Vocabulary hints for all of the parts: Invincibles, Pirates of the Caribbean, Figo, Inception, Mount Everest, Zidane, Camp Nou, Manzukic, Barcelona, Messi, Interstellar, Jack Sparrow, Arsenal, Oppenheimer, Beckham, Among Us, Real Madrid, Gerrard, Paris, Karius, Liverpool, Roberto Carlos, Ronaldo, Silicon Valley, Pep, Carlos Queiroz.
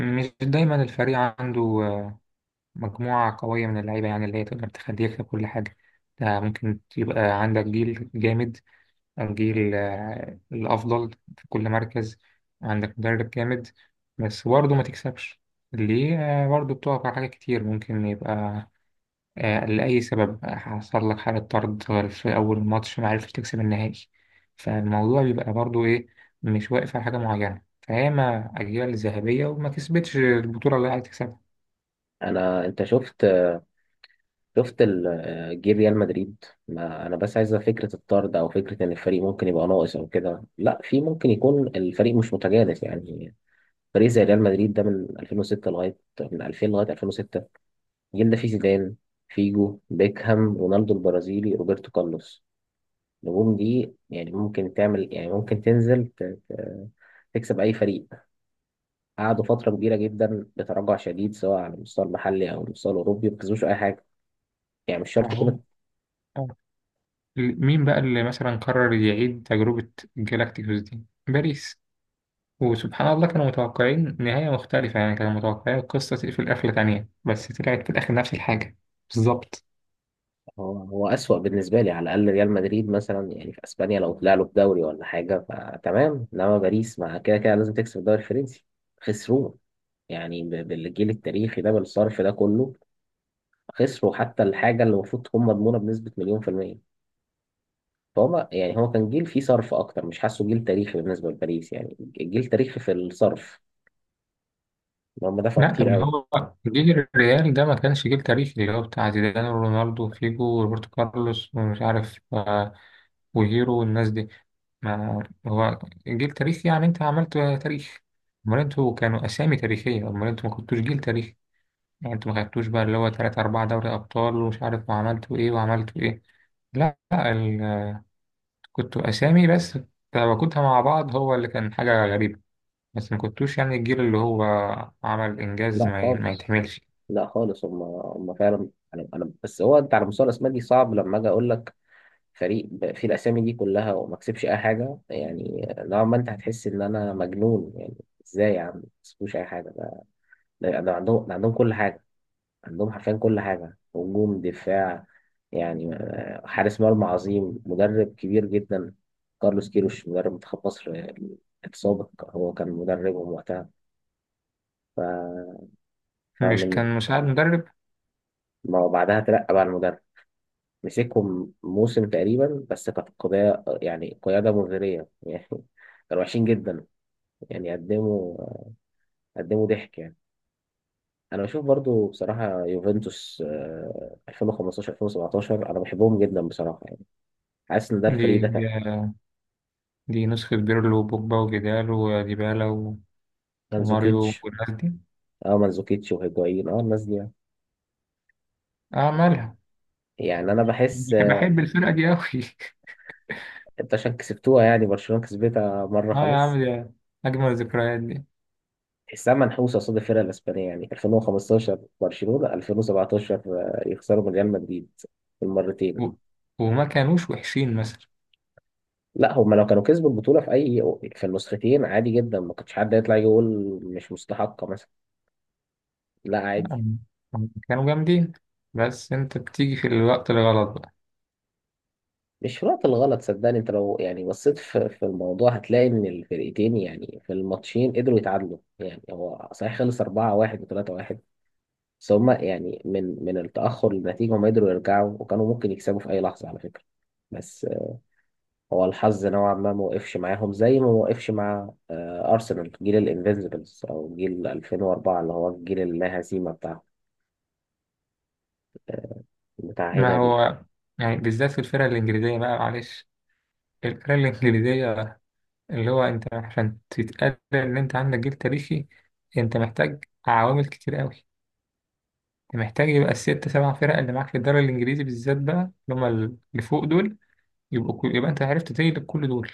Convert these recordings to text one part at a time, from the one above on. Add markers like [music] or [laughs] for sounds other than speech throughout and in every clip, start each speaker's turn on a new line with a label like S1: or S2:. S1: مش دايما الفريق عنده مجموعة قوية من اللعيبة يعني اللي هي تقدر تخليه يكسب كل حاجة. ده ممكن يبقى عندك جيل جامد، الجيل الأفضل في كل مركز، عندك مدرب جامد، بس برضه ما تكسبش ليه؟ برضه بتقف على حاجات كتير ممكن يبقى لأي سبب حصل لك حالة طرد في أول ماتش ما عرفتش تكسب النهائي. فالموضوع بيبقى برضو إيه، مش واقف على حاجة معينة فهي ما أجيال الذهبية وما كسبتش البطولة اللي عايز تكسبها.
S2: انت شفت جيل ريال مدريد. ما انا بس عايزه فكره الطرد او فكره ان الفريق ممكن يبقى ناقص او كده، لا في ممكن يكون الفريق مش متجانس يعني. فريق زي ريال مدريد ده من 2006 لغايه، من 2000 لغايه 2006. الجيل ده فيه زيدان، فيجو، بيكهام، رونالدو البرازيلي، روبرتو كارلوس. النجوم دي يعني ممكن تعمل، يعني ممكن تنزل ت- تكسب اي فريق. قعدوا فتره كبيره جدا بتراجع شديد، سواء على المستوى المحلي او المستوى الاوروبي، ما كسبوش اي حاجه. يعني مش شرط
S1: ما هو
S2: يكون.
S1: آه. مين بقى اللي مثلا قرر يعيد تجربة جالاكتيكوس دي؟ باريس. وسبحان الله كانوا متوقعين نهاية مختلفة يعني كانوا متوقعين القصة تقفل قفلة تانية بس طلعت في الآخر نفس الحاجة بالظبط.
S2: هو هو أسوأ بالنسبة لي، على الأقل ريال مدريد مثلا يعني في أسبانيا لو طلع له في دوري ولا حاجة فتمام، إنما باريس مع كده كده لازم تكسب الدوري الفرنسي. خسروه. يعني بالجيل التاريخي ده، بالصرف ده كله، خسروا حتى الحاجة اللي المفروض تكون مضمونة بنسبة مليون في المية. فهو يعني هو كان جيل فيه صرف أكتر، مش حاسه جيل تاريخي بالنسبة لباريس، يعني جيل تاريخي في الصرف، إن هم دفعوا
S1: لا
S2: كتير
S1: طب ما
S2: قوي.
S1: هو جيل الريال ده ما كانش جيل تاريخي اللي هو بتاع زيدان ورونالدو وفيجو وروبرتو كارلوس ومش عارف وهيرو والناس دي. ما هو جيل تاريخي يعني انت عملت تاريخ، امال انتوا كانوا اسامي تاريخية، امال انتوا ما كنتوش جيل تاريخي؟ يعني انتوا ما خدتوش بقى اللي هو تلات أربعة دوري أبطال ومش عارف وعملتوا إيه وعملتوا إيه. لا لا، ال... كنتوا أسامي بس، تواجدها مع بعض هو اللي كان حاجة غريبة. بس ما كنتوش يعني الجيل اللي هو عمل إنجاز
S2: لا
S1: ما
S2: خالص.
S1: يتحملش.
S2: لا خالص. هم فعلا. أنا بس هو، أنت على مستوى الأسماء دي صعب لما أجي أقول لك فريق فيه الاسامي دي كلها وما كسبش اي حاجه، يعني نوعا ما انت هتحس ان انا مجنون يعني. ازاي يا عم ما كسبوش اي حاجه؟ ده ده عندهم، ده عندهم كل حاجه. عندهم حرفيا كل حاجه، هجوم، دفاع، يعني حارس مرمى عظيم، مدرب كبير جدا. كارلوس كيروش مدرب منتخب مصر السابق، هو كان مدربهم وقتها. ف...
S1: مش
S2: فمن
S1: كان مساعد مدرب؟
S2: ما بعدها ترقى بقى المدرب. مسكهم موسم تقريبا، بس كانت قضية يعني قيادة مغرية [laughs] يعني. كانوا وحشين جدا، يعني قدموا ضحك يعني. انا بشوف برضو بصراحه يوفنتوس 2015، 2017 انا بحبهم جدا بصراحه يعني. حاسس ان ده
S1: دي
S2: الفريق ده
S1: دي,
S2: كان،
S1: دي نسخة بيرلو وبوجبا وجدال وديبالا وماريو
S2: مانزوكيتش.
S1: والناس دي.
S2: اه مانزوكيتش وهيجوايين، اه الناس دي يعني.
S1: اه مالها.
S2: يعني انا بحس
S1: بحب الفرقة دي أوي.
S2: انت عشان كسبتوها يعني، برشلونه كسبتها مره
S1: [laughs] اه يا عم
S2: خلاص.
S1: دي أجمل الذكريات دي.
S2: تحسها منحوسه قصاد الفرق الاسبانيه، يعني 2015 برشلونه، 2017 يخسروا من ريال مدريد المرتين.
S1: و- وما كانوش وحشين مثلا.
S2: لا، هما لو كانوا كسبوا البطوله في اي، في النسختين عادي جدا ما كانش حد يطلع يقول مش مستحقه، لا عادي.
S1: آم، آم، كانوا جامدين بس أنت بتيجي في الوقت الغلط بقى.
S2: مش في الوقت الغلط، صدقني انت لو يعني بصيت في الموضوع هتلاقي ان الفرقتين يعني في الماتشين قدروا يتعادلوا. يعني هو صحيح خلص 4-1 و3-1، بس هما يعني من التأخر للنتيجة هما قدروا يرجعوا وكانوا ممكن يكسبوا في أي لحظة على فكرة. بس هو الحظ نوعا ما ما وقفش معاهم، زي ما وقفش مع أرسنال، جيل الانفينسيبلز أو جيل 2004، اللي هو الجيل اللا هزيمة بتاع
S1: ما
S2: هنا دي.
S1: هو يعني بالذات في الفرقة الإنجليزية بقى معلش، الفرقة الإنجليزية اللي هو أنت عشان تتقال إن أنت عندك جيل تاريخي أنت محتاج عوامل كتير أوي. أنت محتاج يبقى الست سبع فرق اللي معاك في الدوري الإنجليزي بالذات بقى اللي هما اللي فوق دول، يبقى أنت عرفت تغلب كل دول،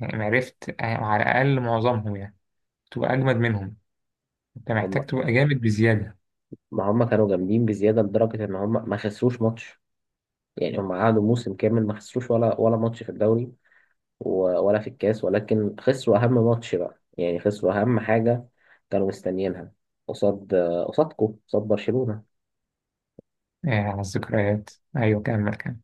S1: يعني عرفت على الأقل معظمهم يعني، تبقى أجمد منهم. أنت
S2: هم
S1: محتاج تبقى جامد بزيادة.
S2: ما هم كانوا جامدين بزيادة لدرجة إن هم ما خسروش ماتش، يعني هم قعدوا موسم كامل ما خسروش ولا ماتش في الدوري، ولا في الكاس. ولكن خسروا أهم ماتش بقى، يعني خسروا أهم حاجة كانوا مستنيينها، قصاد، قصادكم قصاد برشلونة.
S1: آه، على الذكريات. أيوة، كمل.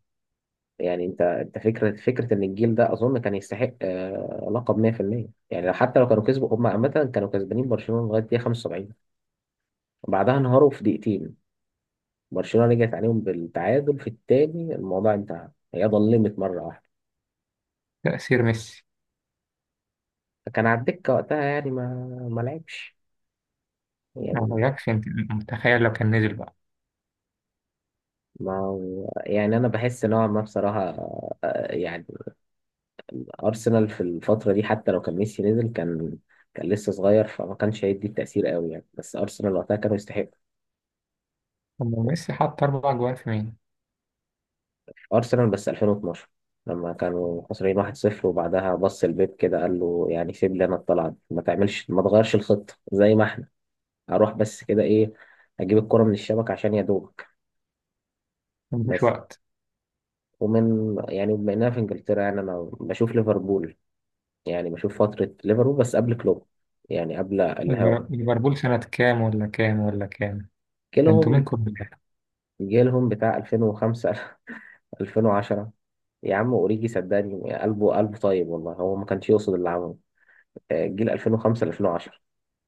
S2: يعني انت فكرة ان الجيل ده اظن كان يستحق لقب 100%. يعني حتى لو كانوا كسبوا هم عامة، كانوا كسبانين برشلونة لغاية دقيقة 75، بعدها انهاروا في دقيقتين. برشلونة رجعت عليهم بالتعادل في التاني، الموضوع انتهى، هي ظلمت مرة واحدة.
S1: تأثير ميسي.
S2: فكان على الدكة وقتها، يعني ما لعبش يعني.
S1: ما غيركش أنت؟ متخيل لو كان نزل بقى.
S2: ما يعني انا بحس نوعا ما بصراحه يعني ارسنال في الفتره دي حتى لو كان ميسي نزل كان، كان لسه صغير فما كانش هيدي التاثير قوي يعني، بس ارسنال وقتها كانوا يستحقوا.
S1: طب ما ميسي حط أربع جوان في مين؟
S2: ارسنال بس 2012، لما كانوا خسرانين 1-0 وبعدها بص البيب كده قال له يعني سيب لي انا الطلعه دي، ما تعملش ما تغيرش الخطه زي ما احنا. اروح بس كده ايه، اجيب الكره من الشبكه عشان يا دوبك
S1: مفيش
S2: بس.
S1: وقت.
S2: ومن يعني بما اننا في انجلترا يعني انا بشوف ليفربول، يعني بشوف فترة ليفربول بس قبل كلوب، يعني قبل الهوا.
S1: ليفربول سنة كام ولا كام ولا كام؟ ده انتوا
S2: جيلهم
S1: منكم بالله.
S2: جيلهم بتاع 2005، 2010. [laughs] يا عم اوريجي صدقني قلبه طيب والله هو ما كانش يقصد اللي عمله. جيل 2005، 2010،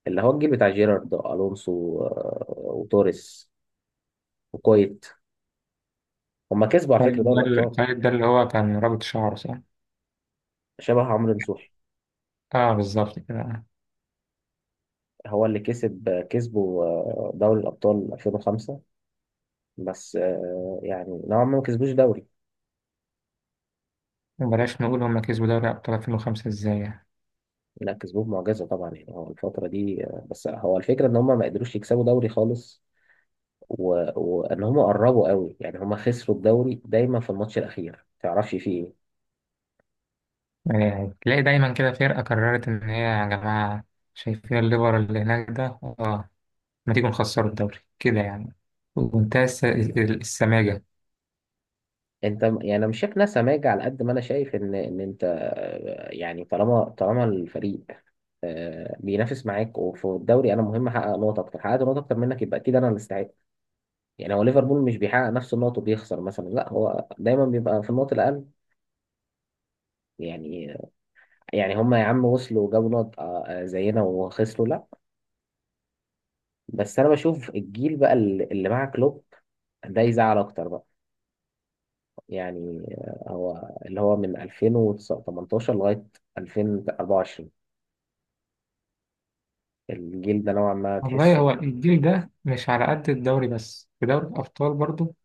S2: اللي هو الجيل بتاع جيرارد والونسو وتوريس وكويت. هما كسبوا على فكرة دوري الابطال.
S1: طيب ده اللي هو كان رابط شعره صح؟
S2: شبه عمرو نصوحي.
S1: اه بالظبط كده.
S2: هو اللي كسب آه، كسبوا آه، دوري الابطال 2005. بس يعني نوعا ما ما كسبوش دوري.
S1: وبلاش نقول هما كسبوا دوري أبطال 2005 إزاي يعني.
S2: لا كسبوه معجزة طبعا، يعني هو الفترة دي بس هو الفكرة ان هم ما قدروش يكسبوا دوري خالص، و... وان هم قربوا قوي، يعني هم خسروا الدوري دايما في الماتش الاخير ما تعرفش فيه ايه.
S1: يعني تلاقي دايما كده فرقة قررت إن هي يا جماعة شايفين الليفر اللي هناك ده آه، ما تيجوا نخسروا الدوري كده يعني. ومنتهى السماجة.
S2: انت يعني انا مش شايف ناس سماجة على قد ما انا شايف ان انت يعني طالما الفريق بينافس معاك وفي الدوري، انا مهم احقق نقط اكتر. حققت نقط اكتر منك يبقى اكيد انا اللي استحق. يعني هو ليفربول مش بيحقق نفس النقط وبيخسر مثلا، لا هو دايما بيبقى في النقط الاقل يعني. يعني هم يا عم وصلوا جابوا نقط زينا وخسروا، لا. بس انا بشوف الجيل بقى اللي مع كلوب، ده يزعل اكتر بقى. يعني هو اللي هو من 2018 لغاية 2024، الجيل ده نوعا ما
S1: والله
S2: تحسه.
S1: هو الجيل ده مش على قد الدوري بس في دوري الأبطال برضو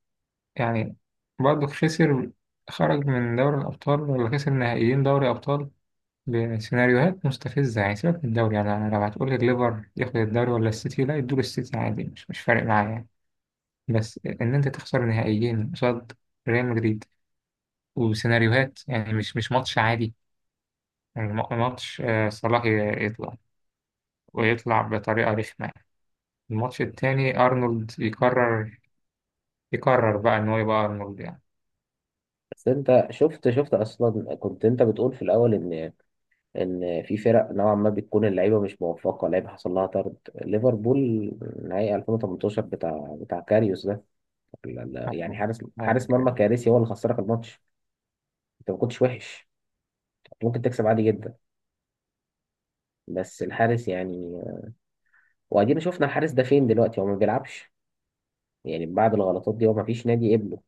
S1: يعني. برضو خسر، خرج من دوري الأبطال ولا خسر نهائيين دوري أبطال بسيناريوهات مستفزة. يعني سيبك من الدوري، يعني أنا لو هتقول لي الليفر ياخد الدوري ولا السيتي لا يدور السيتي عادي، مش فارق معايا. بس ان انت تخسر نهائيين قصاد ريال مدريد وسيناريوهات يعني مش ماتش عادي. يعني ماتش، صلاح يطلع، ويطلع بطريقة رخمة يعني. الماتش التاني أرنولد يقرر، يقرر بقى إن هو يبقى أرنولد يعني.
S2: بس انت شفت اصلا كنت انت بتقول في الاول ان، ان في فرق نوعا ما بتكون اللعيبه مش موفقه، لعيبه حصل لها طرد. ليفربول نهائي 2018 بتاع كاريوس ده، يعني
S1: آه، آه،
S2: حارس مرمى
S1: يعني.
S2: كارثي هو اللي خسرك الماتش. انت ما كنتش وحش، كنت ممكن تكسب عادي جدا، بس الحارس يعني. وادينا شفنا الحارس ده فين دلوقتي، هو ما بيلعبش يعني. بعد الغلطات دي، هو ما فيش نادي قبله،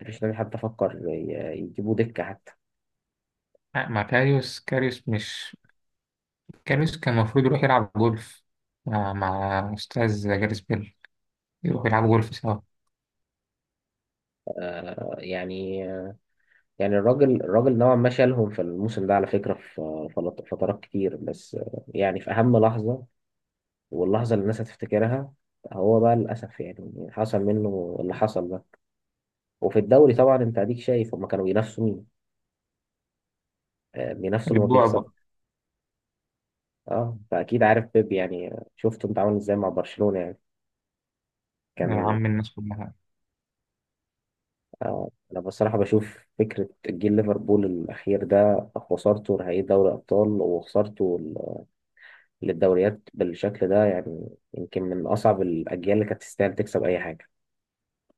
S2: ما فيش نادي حتى فكر يجيبوه دكة حتى.
S1: آه، مع كاريوس. كاريوس مش كاريوس كان المفروض يروح يلعب جولف مع أستاذ جاريس بيل، يروح يلعب جولف سوا.
S2: آه يعني، يعني الراجل نوعا ما شالهم في الموسم ده على فكرة، في في فترات كتير، بس يعني في أهم لحظة واللحظة اللي الناس هتفتكرها، هو بقى للأسف يعني حصل منه اللي حصل ده. وفي الدوري طبعا أنت أديك شايف هما كانوا بينافسوا مين؟ بينافسوا اللي ما بيخسر.
S1: البعبع.
S2: اه فاكيد عارف بيب يعني، شفته انت عامل ازاي مع برشلونة يعني،
S1: يا
S2: كان.
S1: عم الناس كلها.
S2: آه انا بصراحة بشوف فكرة جيل ليفربول الاخير ده، خسارته نهائي دوري ابطال وخسارته للدوريات بالشكل ده، يعني يمكن من اصعب الاجيال اللي كانت تستاهل تكسب اي حاجة.